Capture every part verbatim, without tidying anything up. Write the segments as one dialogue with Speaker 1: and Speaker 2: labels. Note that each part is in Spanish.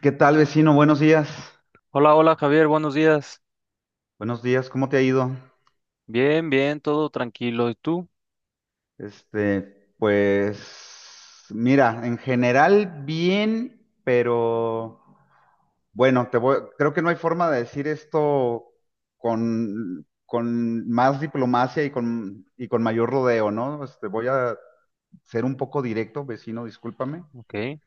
Speaker 1: ¿Qué tal, vecino? Buenos días.
Speaker 2: Hola, hola Javier, buenos días.
Speaker 1: Buenos días, ¿cómo te ha ido?
Speaker 2: Bien, bien, todo tranquilo. ¿Y tú?
Speaker 1: Este, pues, mira, en general bien, pero bueno, te voy, creo que no hay forma de decir esto con, con más diplomacia y con, y con mayor rodeo, ¿no? Este, voy a ser un poco directo, vecino, discúlpame,
Speaker 2: Ok.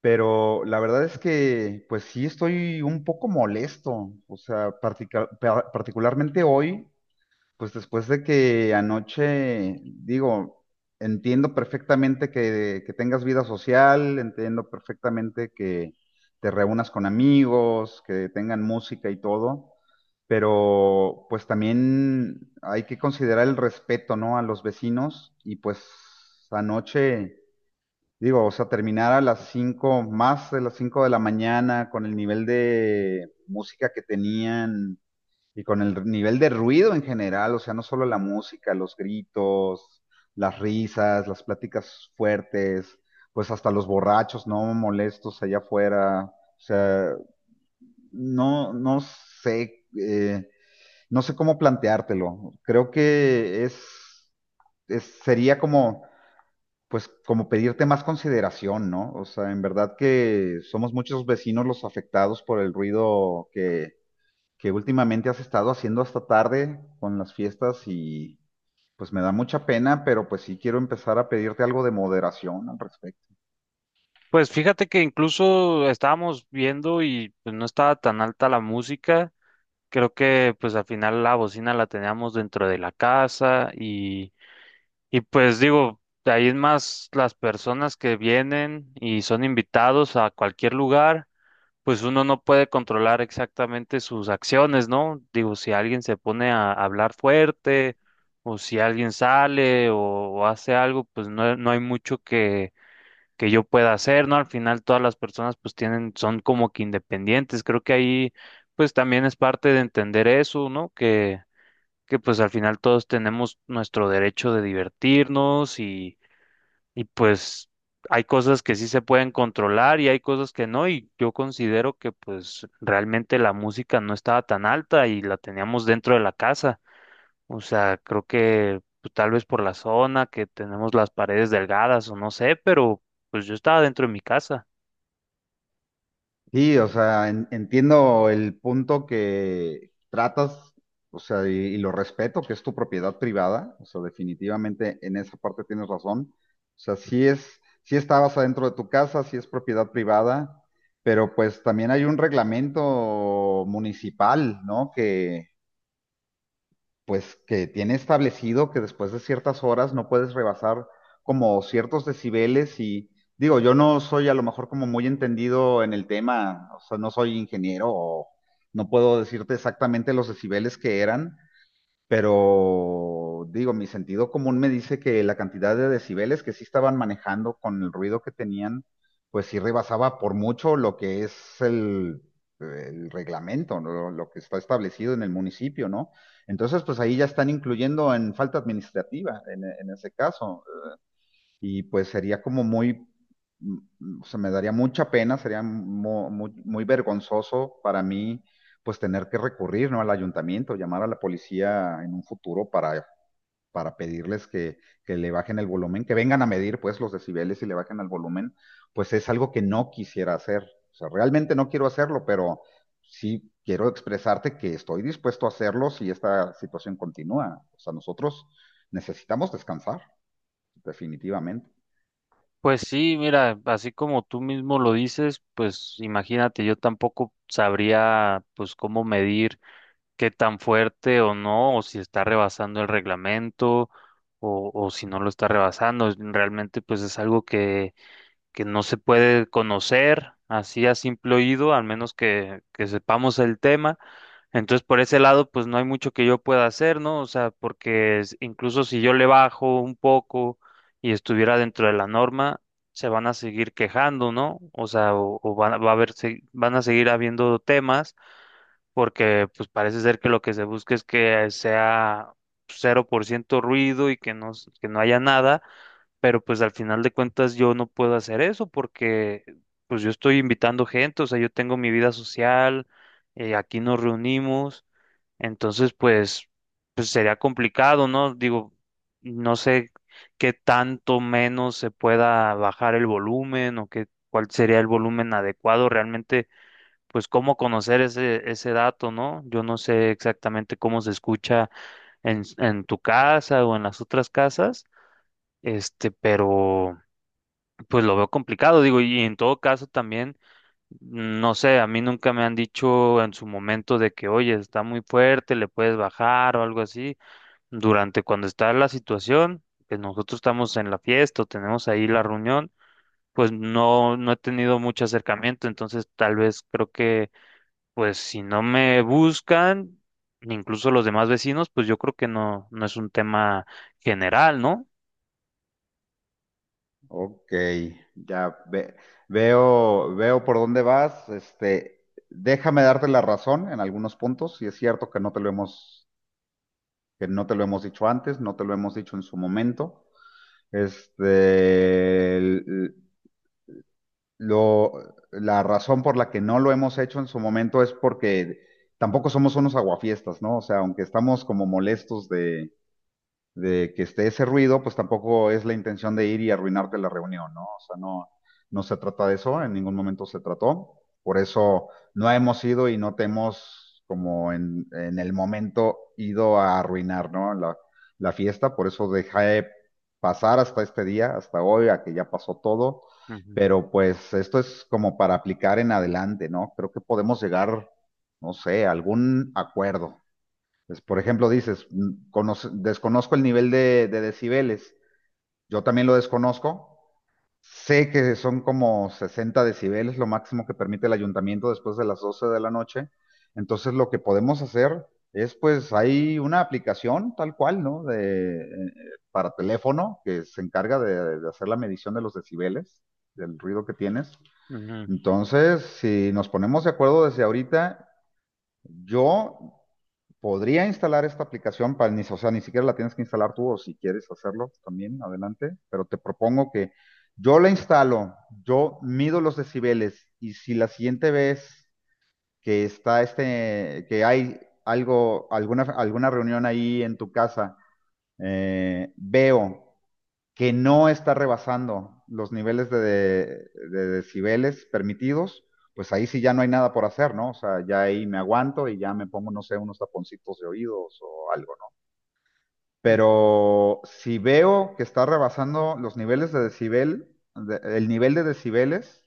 Speaker 1: pero la verdad es que, pues sí, estoy un poco molesto, o sea, partica- pa- particularmente hoy. Pues después de que anoche, digo, entiendo perfectamente que, que tengas vida social, entiendo perfectamente que te reúnas con amigos, que tengan música y todo, pero pues también hay que considerar el respeto, ¿no? A los vecinos y pues anoche, digo, o sea, terminar a las cinco, más de las cinco de la mañana con el nivel de música que tenían y con el nivel de ruido en general, o sea, no solo la música, los gritos, las risas, las pláticas fuertes, pues hasta los borrachos no molestos allá afuera. O sea, no, no sé, eh, no sé cómo planteártelo. Creo que es, es, sería como, pues, como pedirte más consideración, ¿no? O sea, en verdad que somos muchos vecinos los afectados por el ruido que, que últimamente has estado haciendo hasta tarde con las fiestas y pues me da mucha pena, pero pues sí quiero empezar a pedirte algo de moderación al respecto.
Speaker 2: Pues fíjate que incluso estábamos viendo y pues, no estaba tan alta la música. Creo que pues al final la bocina la teníamos dentro de la casa y, y pues digo, de ahí es más las personas que vienen y son invitados a cualquier lugar. Pues uno no puede controlar exactamente sus acciones, ¿no? Digo, si alguien se pone a hablar fuerte o si alguien sale o, o hace algo, pues no, no hay mucho que, que yo pueda hacer, ¿no? Al final todas las personas pues tienen, son como que independientes. Creo que ahí pues también es parte de entender eso, ¿no? Que, que pues al final todos tenemos nuestro derecho de divertirnos y y pues hay cosas que sí se pueden controlar y hay cosas que no, y yo considero que pues realmente la música no estaba tan alta y la teníamos dentro de la casa. O sea, creo que pues, tal vez por la zona que tenemos las paredes delgadas o no sé, pero pues yo estaba dentro de mi casa.
Speaker 1: Sí, o sea, en- entiendo el punto que tratas, o sea, y, y lo respeto, que es tu propiedad privada, o sea, definitivamente en esa parte tienes razón. O sea, sí es, sí estabas adentro de tu casa, sí es propiedad privada, pero pues también hay un reglamento municipal, ¿no? Que, pues que tiene establecido que después de ciertas horas no puedes rebasar como ciertos decibeles y digo, yo no soy a lo mejor como muy entendido en el tema, o sea, no soy ingeniero o no puedo decirte exactamente los decibeles que eran, pero digo, mi sentido común me dice que la cantidad de decibeles que sí estaban manejando con el ruido que tenían, pues sí rebasaba por mucho lo que es el, el reglamento, ¿no? Lo que está establecido en el municipio, ¿no? Entonces, pues ahí ya están incluyendo en falta administrativa, en, en ese caso y pues sería como muy, mm, mm, o sea, me daría mucha pena, sería mo- muy, muy vergonzoso para mí, pues tener que recurrir, ¿no? Al ayuntamiento, llamar a la policía en un futuro para, para pedirles que, que le bajen el volumen, que vengan a medir, pues, los decibeles y le bajen el volumen, pues es algo que no quisiera hacer. O sea, realmente no quiero hacerlo, pero sí quiero expresarte que estoy dispuesto a hacerlo si esta situación continúa. O sea, nosotros necesitamos descansar, definitivamente.
Speaker 2: Pues sí, mira, así como tú mismo lo dices, pues imagínate, yo tampoco sabría pues cómo medir qué tan fuerte o no, o si está rebasando el reglamento o, o si no lo está rebasando. Es- Realmente pues es algo que, que no se puede conocer así a simple oído, al menos que, que sepamos el tema. Entonces por ese lado pues no hay mucho que yo pueda hacer, ¿no? O sea, porque es- incluso si yo le bajo un poco y estuviera dentro de la norma, se van a seguir quejando, ¿no? O sea, o, o van, a- va a haber, se- van a seguir habiendo temas porque pues parece ser que lo que se busca es que sea cero por ciento ruido y que no, s- que no haya nada, pero pues al final de cuentas yo no puedo hacer eso porque pues yo estoy invitando gente, o sea, yo tengo mi vida social, eh, aquí nos reunimos, entonces pues, pues sería complicado, ¿no? Digo, no sé qué tanto menos se pueda bajar el volumen o qué, cuál sería el volumen adecuado realmente pues cómo conocer ese, ese dato, ¿no? Yo no sé exactamente cómo se escucha en, s- en tu casa o en las otras casas, este, pero pues lo veo complicado, digo, y en todo caso también, no sé, a mí nunca me han dicho en su momento de que, oye, está muy fuerte, le puedes bajar o algo así, durante cuando está la situación, que nosotros estamos en la fiesta o tenemos ahí la reunión. Pues no, no he tenido mucho acercamiento, entonces tal vez creo que pues si no me buscan, ni incluso los demás vecinos, pues yo creo que no, no es un tema general, ¿no?
Speaker 1: Ok, ya ve- veo, veo por dónde vas. Este, déjame darte la razón en algunos puntos. Y es cierto que no te lo hemos, que no te lo hemos dicho antes, no te lo hemos dicho en su momento. Este, el- lo, la razón por la que no lo hemos hecho en su momento es porque tampoco somos unos aguafiestas, ¿no? O sea, aunque estamos como molestos de que esté ese ruido, pues tampoco es la intención de ir y arruinarte la reunión, ¿no? O sea, no, no se trata de eso, en ningún momento se trató. Por eso no hemos ido y no te hemos, como en, en el momento, ido a arruinar, ¿no? La, la fiesta, por eso dejé pasar hasta este día, hasta hoy, a que ya pasó todo.
Speaker 2: Ujú,
Speaker 1: Pero pues esto es como para aplicar en adelante, ¿no? Creo que podemos llegar, no sé, a algún acuerdo. Pues, por ejemplo, dices, mm, conoce- desconozco el nivel de, de decibeles. Yo también lo desconozco. Sé que son como sesenta decibeles, lo máximo que permite el ayuntamiento después de las doce de la noche. Entonces, lo que podemos hacer es, pues, hay una aplicación tal cual, ¿no? De, eh, para teléfono que se encarga de, de hacer la medición de los decibeles, del ruido que tienes.
Speaker 2: ujú,
Speaker 1: Entonces, si nos ponemos de acuerdo desde ahorita yo podría instalar esta aplicación para ni, o sea, ni siquiera la tienes que instalar tú o si quieres hacerlo también, adelante, pero te propongo que yo la instalo, yo mido los decibeles y si la siguiente vez que está este, que hay algo, alguna, alguna reunión ahí en tu casa, eh, veo que no está rebasando los niveles de, de, de decibeles permitidos, pues ahí sí ya no hay nada por hacer, ¿no? O sea, ya ahí me aguanto y ya me pongo, no sé, unos taponcitos de oídos o algo, ¿no?
Speaker 2: ujú,
Speaker 1: Pero si veo que está rebasando los niveles de decibel, de- el nivel de decibeles,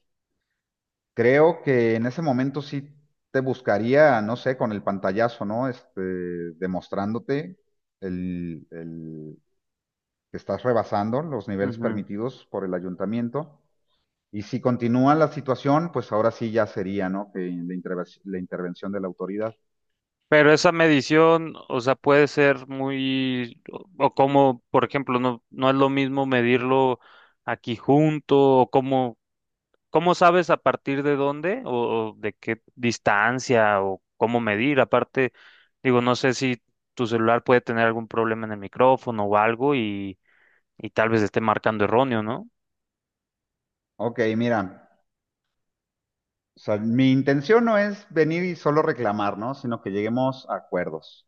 Speaker 1: creo que en ese momento sí te buscaría, no sé, con el pantallazo, ¿no? Este, demostrándote el, el que estás rebasando los niveles
Speaker 2: ujú.
Speaker 1: permitidos por el ayuntamiento. Y si continúa la situación, pues ahora sí ya sería, ¿no? Que la, interve- la intervención de la autoridad.
Speaker 2: Pero esa medición, o sea, puede ser muy, o o como, por ejemplo, no, no es lo mismo medirlo aquí junto, o cómo, cómo sabes a partir de dónde, o, o de qué distancia, o cómo medir. Aparte, digo, no sé si tu celular puede tener algún problema en el micrófono o algo y y tal vez esté marcando erróneo, ¿no?
Speaker 1: Ok, mira, o sea, mi intención no es venir y solo reclamar, ¿no? Sino que lleguemos a acuerdos.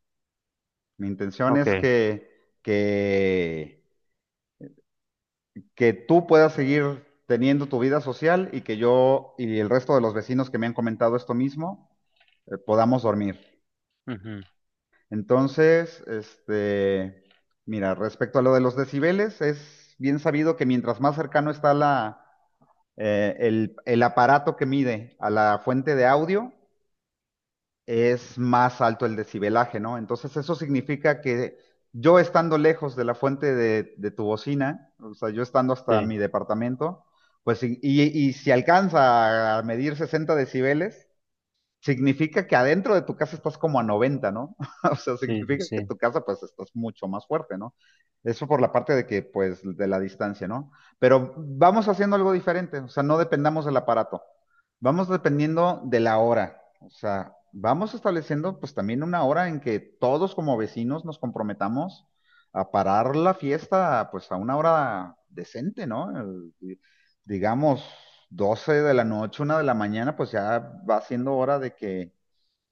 Speaker 1: Mi intención
Speaker 2: Ok.
Speaker 1: es que, que, que tú puedas seguir teniendo tu vida social y que yo y el resto de los vecinos que me han comentado esto mismo eh, podamos dormir.
Speaker 2: Ujú.
Speaker 1: Entonces, este, mira, respecto a lo de los decibeles, es bien sabido que mientras más cercano está la, eh, el, el aparato que mide a la fuente de audio, es más alto el decibelaje, ¿no? Entonces, eso significa que yo estando lejos de la fuente de, de tu bocina, o sea, yo estando hasta
Speaker 2: Sí,
Speaker 1: mi departamento, pues, y, y- y si alcanza a medir sesenta decibeles, significa que adentro de tu casa estás como a noventa, ¿no? O sea,
Speaker 2: sí, sí,
Speaker 1: significa que
Speaker 2: sí.
Speaker 1: tu casa pues estás mucho más fuerte, ¿no? Eso por la parte de que pues de la distancia, ¿no? Pero vamos haciendo algo diferente, o sea, no dependamos del aparato, vamos dependiendo de la hora, o sea, vamos estableciendo pues también una hora en que todos como vecinos nos comprometamos a parar la fiesta pues a una hora decente, ¿no? El- digamos, doce de la noche, una de la mañana, pues ya va siendo hora de que,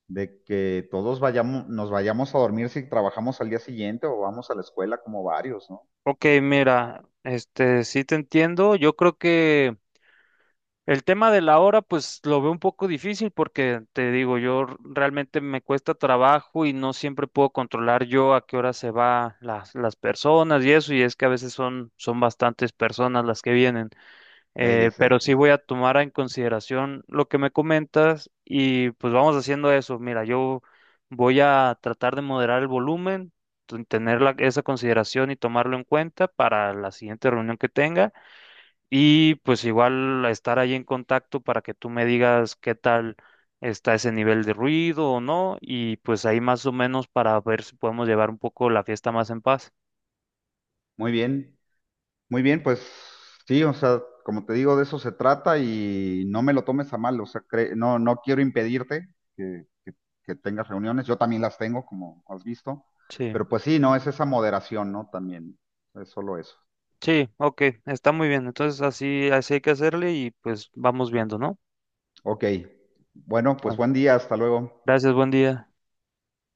Speaker 1: de que todos vayamos, nos vayamos a dormir si trabajamos al día siguiente o vamos a la escuela como varios, ¿no?
Speaker 2: Ok, mira, este, sí te entiendo. Yo creo que el tema de la hora, pues lo veo un poco difícil porque te digo, yo r- realmente me cuesta trabajo y no siempre puedo controlar yo a qué hora se va las, las personas y eso, y es que a veces son, son bastantes personas las que vienen.
Speaker 1: Eh, ya
Speaker 2: Eh, pero
Speaker 1: sé.
Speaker 2: sí voy a tomar en consideración lo que me comentas y pues vamos haciendo eso. Mira, yo voy a tratar de moderar el volumen, t- tener la- esa consideración y tomarlo en cuenta para la siguiente reunión que tenga y pues igual estar ahí en contacto para que tú me digas qué tal está ese nivel de ruido o no y pues ahí más o menos para ver si podemos llevar un poco la fiesta más en paz.
Speaker 1: Muy bien, muy bien, pues sí, o sea, como te digo, de eso se trata y no me lo tomes a mal, o sea, cre- no, no quiero impedirte que, que- que tengas reuniones, yo también las tengo, como has visto,
Speaker 2: Sí.
Speaker 1: pero pues sí, no, es esa moderación, ¿no? También, es solo eso.
Speaker 2: Sí, ok, está muy bien. Entonces así, así hay que hacerle y pues vamos viendo, ¿no?
Speaker 1: Ok. Bueno, pues
Speaker 2: Bueno,
Speaker 1: buen día, hasta luego.
Speaker 2: gracias, buen día.